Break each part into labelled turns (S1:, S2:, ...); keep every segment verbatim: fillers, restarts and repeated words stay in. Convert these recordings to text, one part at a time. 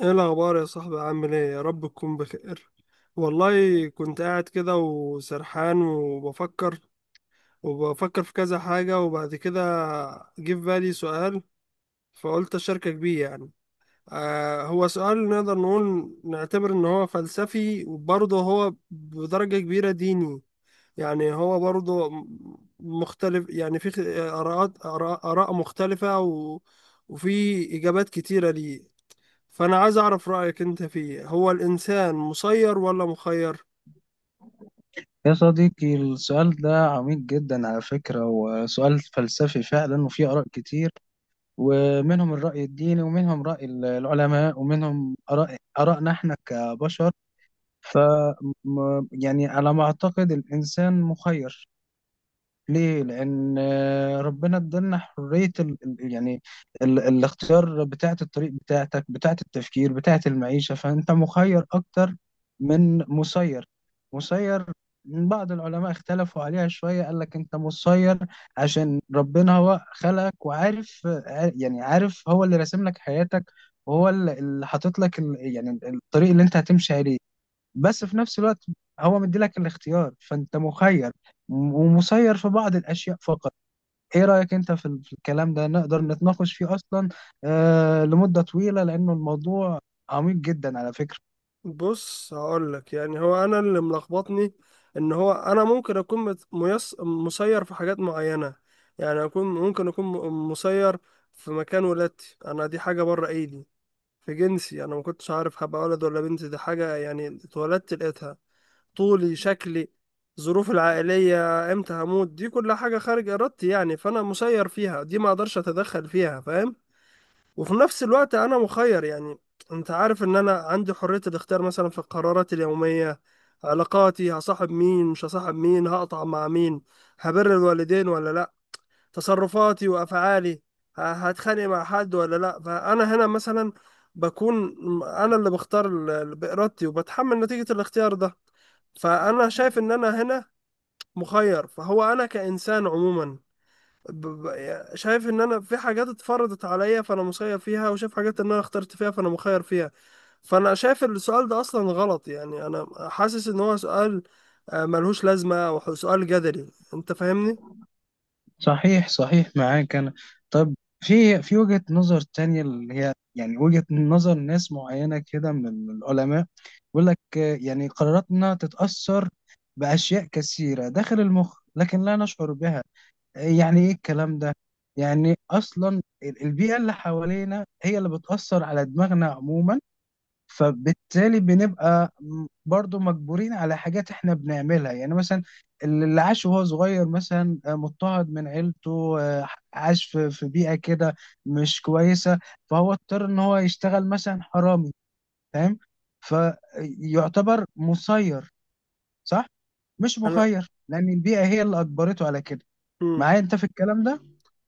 S1: ايه الاخبار يا صاحبي؟ عامل ايه؟ يا رب تكون بخير. والله كنت قاعد كده وسرحان وبفكر، وبفكر في كذا حاجة، وبعد كده جه في بالي سؤال، فقلت اشاركك بيه. يعني آه هو سؤال نقدر نقول نعتبر ان هو فلسفي، وبرضه هو بدرجة كبيرة ديني. يعني هو برضه م- مختلف، يعني في خ- آراءات آراء آراء مختلفة، و وفي إجابات كتيرة ليه. فأنا عايز أعرف رأيك أنت فيه، هو الإنسان مسير ولا مخير؟
S2: يا صديقي، السؤال ده عميق جدا على فكرة، وسؤال فلسفي فعلا، وفيه آراء كتير. ومنهم الرأي الديني، ومنهم رأي العلماء، ومنهم آراء آرائنا احنا كبشر. ف م- يعني على ما أعتقد الإنسان مخير. ليه؟ لأن آه، ربنا ادالنا حرية ال ال- يعني ال الاختيار، بتاعة الطريق بتاعتك، بتاعة التفكير، بتاعة المعيشة. فأنت مخير أكتر من مسير. مسير، بعض العلماء اختلفوا عليها شوية، قال لك أنت مسير عشان ربنا هو خلقك، وعارف عار- يعني عارف هو اللي راسم لك حياتك، وهو اللي اللي حاطط لك ال- يعني ال- الطريق اللي أنت هتمشي عليه. بس في نفس الوقت هو مديلك الاختيار، فانت مخير، م- ومسير في بعض الاشياء فقط. ايه رايك انت في ال- في الكلام ده؟ نقدر نتناقش فيه اصلا آه لمده طويله، لانه الموضوع عميق جدا على فكره.
S1: بص هقولك، يعني هو أنا اللي ملخبطني إن هو أنا ممكن أكون مت- ميس... مسير في حاجات معينة. يعني أكون، ممكن أكون م- مسير في مكان ولادتي، أنا دي حاجة بره إيدي. في جنسي، أنا ما كنتش عارف هبقى ولد ولا بنت، دي حاجة يعني اتولدت لقيتها. طولي، شكلي، ظروفي العائلية، امتى هموت، دي كل حاجة خارج إرادتي، يعني فأنا مسير فيها دي، ما أقدرش أتدخل فيها، فاهم. وفي نفس الوقت انا مخير. يعني انت عارف ان انا عندي حرية الاختيار مثلا في قراراتي اليومية، علاقاتي، هصاحب مين مش هصاحب مين، هقطع مع مين، هبر الوالدين ولا لا، تصرفاتي وافعالي، ه- هتخانق مع حد ولا لا. فانا هنا مثلا بكون م- انا اللي بختار ال- ال- بارادتي، وبتحمل نتيجة الاختيار ده. فانا شايف ان انا هنا مخير. فهو انا كانسان عموما ب- ب- يعني شايف ان انا في حاجات اتفرضت عليا فانا مسير فيها، وشايف حاجات ان انا اخترت فيها فانا مخير فيها. فانا شايف إن السؤال ده اصلا غلط. يعني انا حاسس ان هو سؤال آه، ملهوش لازمة، او سؤال جدلي، انت فاهمني.
S2: صحيح صحيح، معاك انا. طب، في في وجهه نظر تانية، اللي هي يعني وجهه نظر ناس معينه كده من العلماء، بيقول لك آه، يعني قراراتنا تتاثر باشياء كثيره داخل المخ لكن لا نشعر بها. يعني ايه الكلام ده؟ يعني اصلا ال- البيئه اللي حوالينا هي اللي بتاثر على دماغنا عموما، فبالتالي بنبقى م- برضو مجبورين على حاجات احنا بنعملها. يعني مثلا، اللي عاش وهو صغير مثلا آه، مضطهد من عيلته، آه، عاش في في بيئه كده مش كويسه، فهو اضطر ان هو يشتغل مثلا حرامي، فاهم؟ فيعتبر مسير، صح؟ مش
S1: انا
S2: مخير، لان البيئه هي اللي اجبرته على كده.
S1: مم.
S2: معايا انت في الكلام ده؟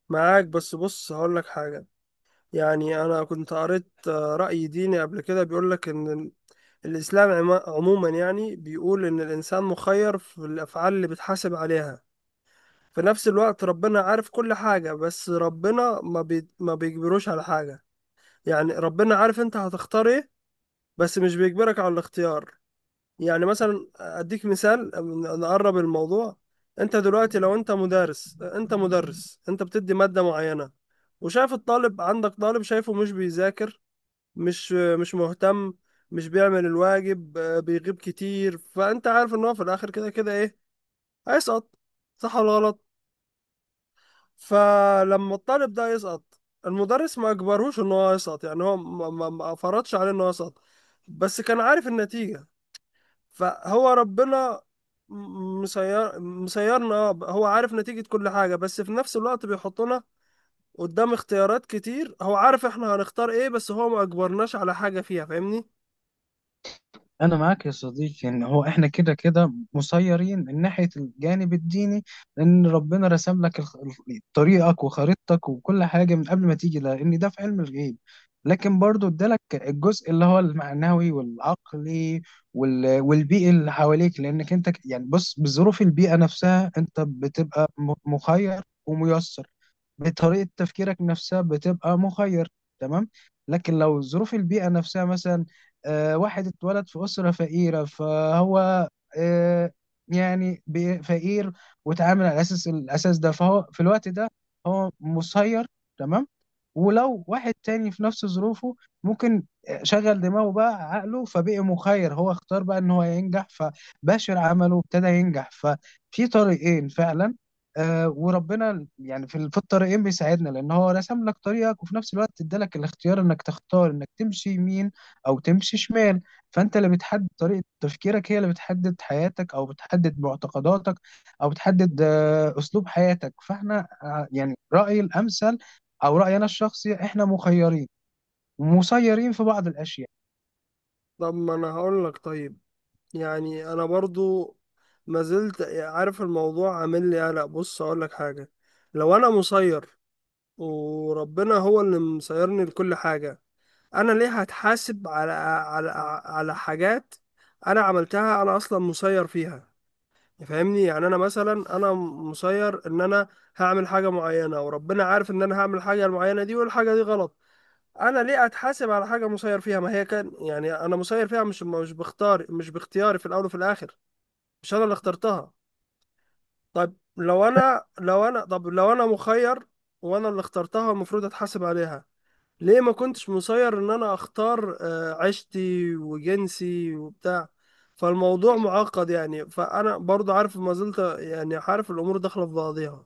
S1: معاك، بس بص هقول لك حاجة. يعني انا كنت قريت آه، رأي ديني قبل كده بيقول لك ان ال- الاسلام عما- عموما يعني بيقول ان الانسان مخير في الافعال اللي بتحاسب عليها. في نفس الوقت ربنا عارف كل حاجة، بس ربنا ما بي... ما بيجبروش على حاجة. يعني ربنا عارف انت هتختار ايه، بس مش بيجبرك على الاختيار. يعني مثلا اديك مثال ن- نقرب الموضوع. انت دلوقتي لو انت مدرس، انت مدرس انت بتدي مادة معينة، وشايف الطالب عندك، طالب شايفه مش بيذاكر، مش مش مهتم، مش بيعمل الواجب، آه، بيغيب كتير، فانت عارف ان هو في الاخر كده كده ايه؟ هيسقط. صح ولا غلط؟ فلما الطالب ده يسقط، المدرس ما اجبرهوش ان هو يسقط، يعني هو ما, ما, ما فرضش عليه ان هو يسقط، بس كان عارف النتيجة. فهو ربنا م- مسير مسيرنا، هو عارف نتيجة كل حاجة، بس في نفس الوقت بيحطنا قدام اختيارات كتير، هو عارف احنا هنختار ايه، بس هو ما اجبرناش على حاجة فيها، فاهمني.
S2: انا معاك يا صديقي. يعني هو احنا كده كده مسيرين من ناحيه الجانب الديني، لان ربنا رسم لك الخ- ال- طريقك وخريطتك وكل حاجه من قبل ما تيجي، لان ده في علم الغيب. لكن برضو ادالك الجزء اللي هو المعنوي والعقلي وال... والبيئي اللي حواليك. لانك انت ك- يعني بص، بظروف البيئه نفسها انت بتبقى م- مخير وميسر. بطريقه تفكيرك نفسها بتبقى مخير. تمام، لكن لو ظروف البيئه نفسها مثلا آه، واحد اتولد في اسره فقيره، فهو آه، يعني بي- فقير، واتعامل على اساس الاساس ده، فهو في الوقت ده هو مسير. تمام. ولو واحد تاني في نفس ظروفه ممكن آه، شغل دماغه بقى، عقله فبقي مخير. هو اختار بقى ان هو ينجح، فباشر عمله وابتدى ينجح. ففي طريقين فعلا. آه، وربنا يعني في في الطريقين بيساعدنا، لان هو رسم لك طريقك وفي نفس الوقت ادالك الاختيار انك تختار انك تمشي يمين او تمشي شمال. فانت اللي بتحدد طريقة تفكيرك، هي اللي بتحدد حياتك، او بتحدد معتقداتك، او بتحدد آه اسلوب حياتك. فاحنا آه يعني رأيي الامثل او رأيي انا الشخصي، احنا مخيرين ومسيرين في بعض الاشياء.
S1: طب ما انا هقول لك، طيب يعني انا برضو ما زلت عارف الموضوع عامل لي قلق. بص اقول لك حاجة، لو انا مسير وربنا هو اللي مسيرني لكل حاجة، أنا ليه هتحاسب على، على، على حاجات أنا عملتها أنا أصلا مسير فيها؟ فاهمني، يعني أنا مثلا أنا مسير إن أنا هعمل حاجة معينة، وربنا عارف إن أنا هعمل الحاجة المعينة دي، والحاجة دي غلط، أنا ليه أتحاسب على حاجة مسير فيها؟ ما هي كان يعني أنا مسير فيها، مش مش بختار، مش باختياري في الأول وفي الآخر، مش أنا اللي اخترتها. طيب لو أنا، لو أنا طب، لو أنا مخير وأنا اللي اخترتها، المفروض أتحاسب عليها. ليه ما كنتش مسير ان انا اختار آه، عيشتي وجنسي وبتاع؟ فالموضوع معقد يعني، فانا برضو عارف، ما زلت يعني عارف الامور داخله في بعضيها.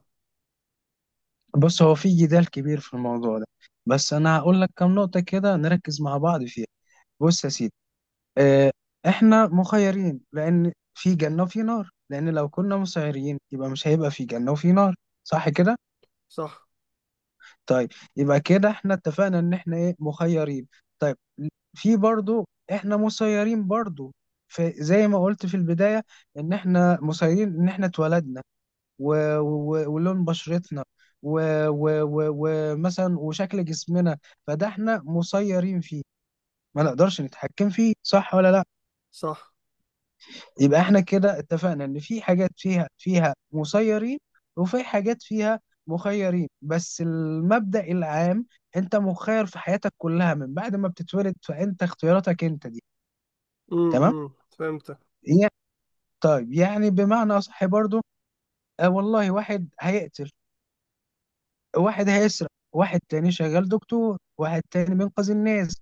S2: بص، هو في جدال كبير في الموضوع ده، بس انا هقول لك كم نقطة كده نركز مع بعض فيها. بص يا سيدي، آه، احنا مخيرين لان في جنة وفي نار، لان لو كنا مسيرين يبقى مش هيبقى في جنة وفي نار. صح كده؟
S1: صح،
S2: طيب، يبقى كده احنا اتفقنا ان احنا ايه؟ مخيرين. طيب، في برضو احنا مسيرين برضو. فزي ما قلت في البداية، ان احنا مسيرين ان احنا اتولدنا و... و... ولون بشرتنا، ومثلا و... و... و- ومثلا وشكل جسمنا. فده احنا مسيرين فيه، ما نقدرش نتحكم فيه، صح ولا لا؟
S1: صح.
S2: يبقى احنا كده اتفقنا ان في حاجات فيها فيها مسيرين، وفي حاجات فيها مخيرين. بس المبدأ العام، انت مخير في حياتك كلها من بعد ما بتتولد، فانت اختياراتك انت دي.
S1: امم
S2: تمام؟
S1: إمم. فهمتك.
S2: يعني- طيب، يعني بمعنى اصح برضو آه والله، واحد هيقتل، واحد هيسرق، واحد تاني شغال دكتور، واحد تاني بينقذ الناس.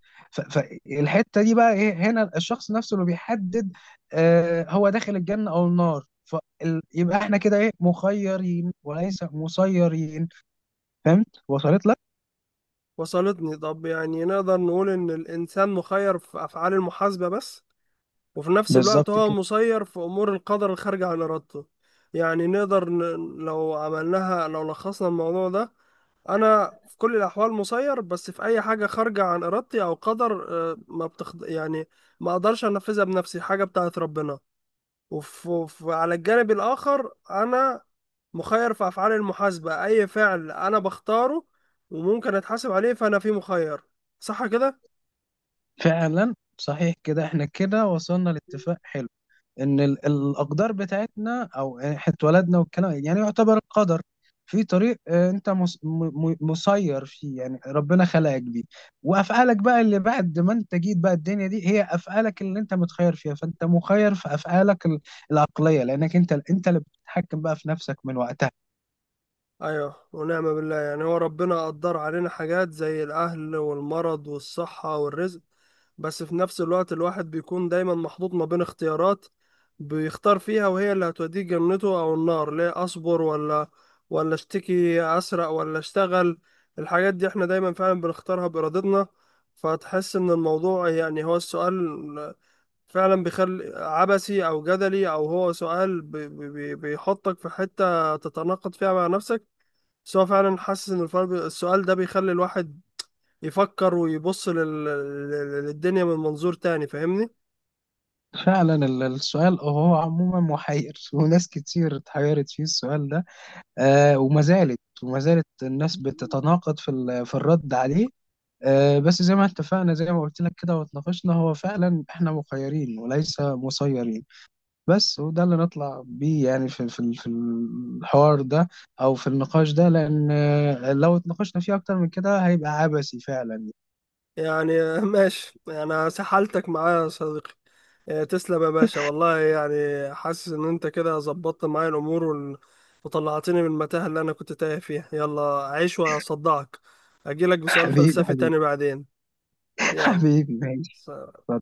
S2: فالحتة دي بقى ايه؟ هنا الشخص نفسه اللي بيحدد آه هو داخل الجنة او النار. فيبقى احنا كده ايه؟ مخيرين وليس مسيرين. فهمت؟ وصلت لك؟
S1: وصلتني. طب يعني نقدر نقول ان الانسان مخير في افعال المحاسبه بس، وفي نفس
S2: بالظبط
S1: الوقت هو
S2: كده.
S1: مسير في امور القدر الخارجه عن ارادته. يعني نقدر ن... لو عملناها، لو لخصنا الموضوع ده، انا في كل الاحوال مسير بس في اي حاجه خارجه عن ارادتي او قدر، آه، ما بتخض... يعني ما اقدرش انفذها بنفسي، حاجه بتاعت ربنا. وف... وف... على الجانب الاخر انا مخير في افعال المحاسبه، اي فعل انا بختاره وممكن اتحاسب عليه فانا فيه مخير. صح كده؟
S2: فعلا صحيح كده، احنا كده وصلنا لاتفاق حلو، ان ال- الاقدار بتاعتنا، او احنا اتولدنا والكلام يعني يعتبر القدر، في طريق آه، انت مس- م- م- مسير فيه، يعني ربنا خلقك بيه. وافعالك بقى اللي بعد ما انت جيت بقى الدنيا دي، هي افعالك اللي انت متخير فيها. فانت مخير في افعالك ال- العقليه، لانك انت انت اللي بتتحكم بقى في نفسك من وقتها.
S1: ايوه، ونعم بالله. يعني هو ربنا قدر علينا حاجات زي الاهل والمرض والصحة والرزق، بس في نفس الوقت الواحد بيكون دايما محطوط ما بين اختيارات بيختار فيها، وهي اللي هتوديه جنته او النار. ليه اصبر ولا ولا اشتكي؟ اسرق ولا اشتغل؟ الحاجات دي احنا دايما فعلا بنختارها بارادتنا. فتحس ان الموضوع، يعني هو السؤال فعلا بيخلي، عبثي او جدلي، او هو سؤال بي بي بيحطك في حتة تتناقض فيها مع نفسك. بس هو فعلا حاسس ان الفرق بي- السؤال ده بيخلي الواحد يفكر ويبص لل... لل- للدنيا من منظور تاني، فاهمني.
S2: فعلا ال- السؤال هو عموما محير وناس كتير اتحيرت فيه، السؤال ده. آه، وما زالت وما زالت الناس بتتناقض في ال- في الرد عليه. آه، بس زي ما اتفقنا، زي ما قلت لك كده واتناقشنا، هو فعلا احنا مخيرين وليس مسيرين. بس، وده اللي نطلع بيه يعني في في في الحوار ده او في النقاش ده، لان آه، لو اتناقشنا فيه اكتر من كده هيبقى عبثي فعلا
S1: يعني ماشي، انا سحلتك معايا يا صديقي. آه، تسلم يا باشا، والله يعني حاسس ان انت كده ظبطت معايا الامور وال... وطلعتني من المتاهة اللي انا كنت تايه فيها. يلا عيش وهصدعك، اجيلك بسؤال
S2: حبيبي،
S1: فلسفي
S2: حبيبي،
S1: تاني بعدين. يلا،
S2: حبيبي ماشي.
S1: سلام.
S2: اتفضل.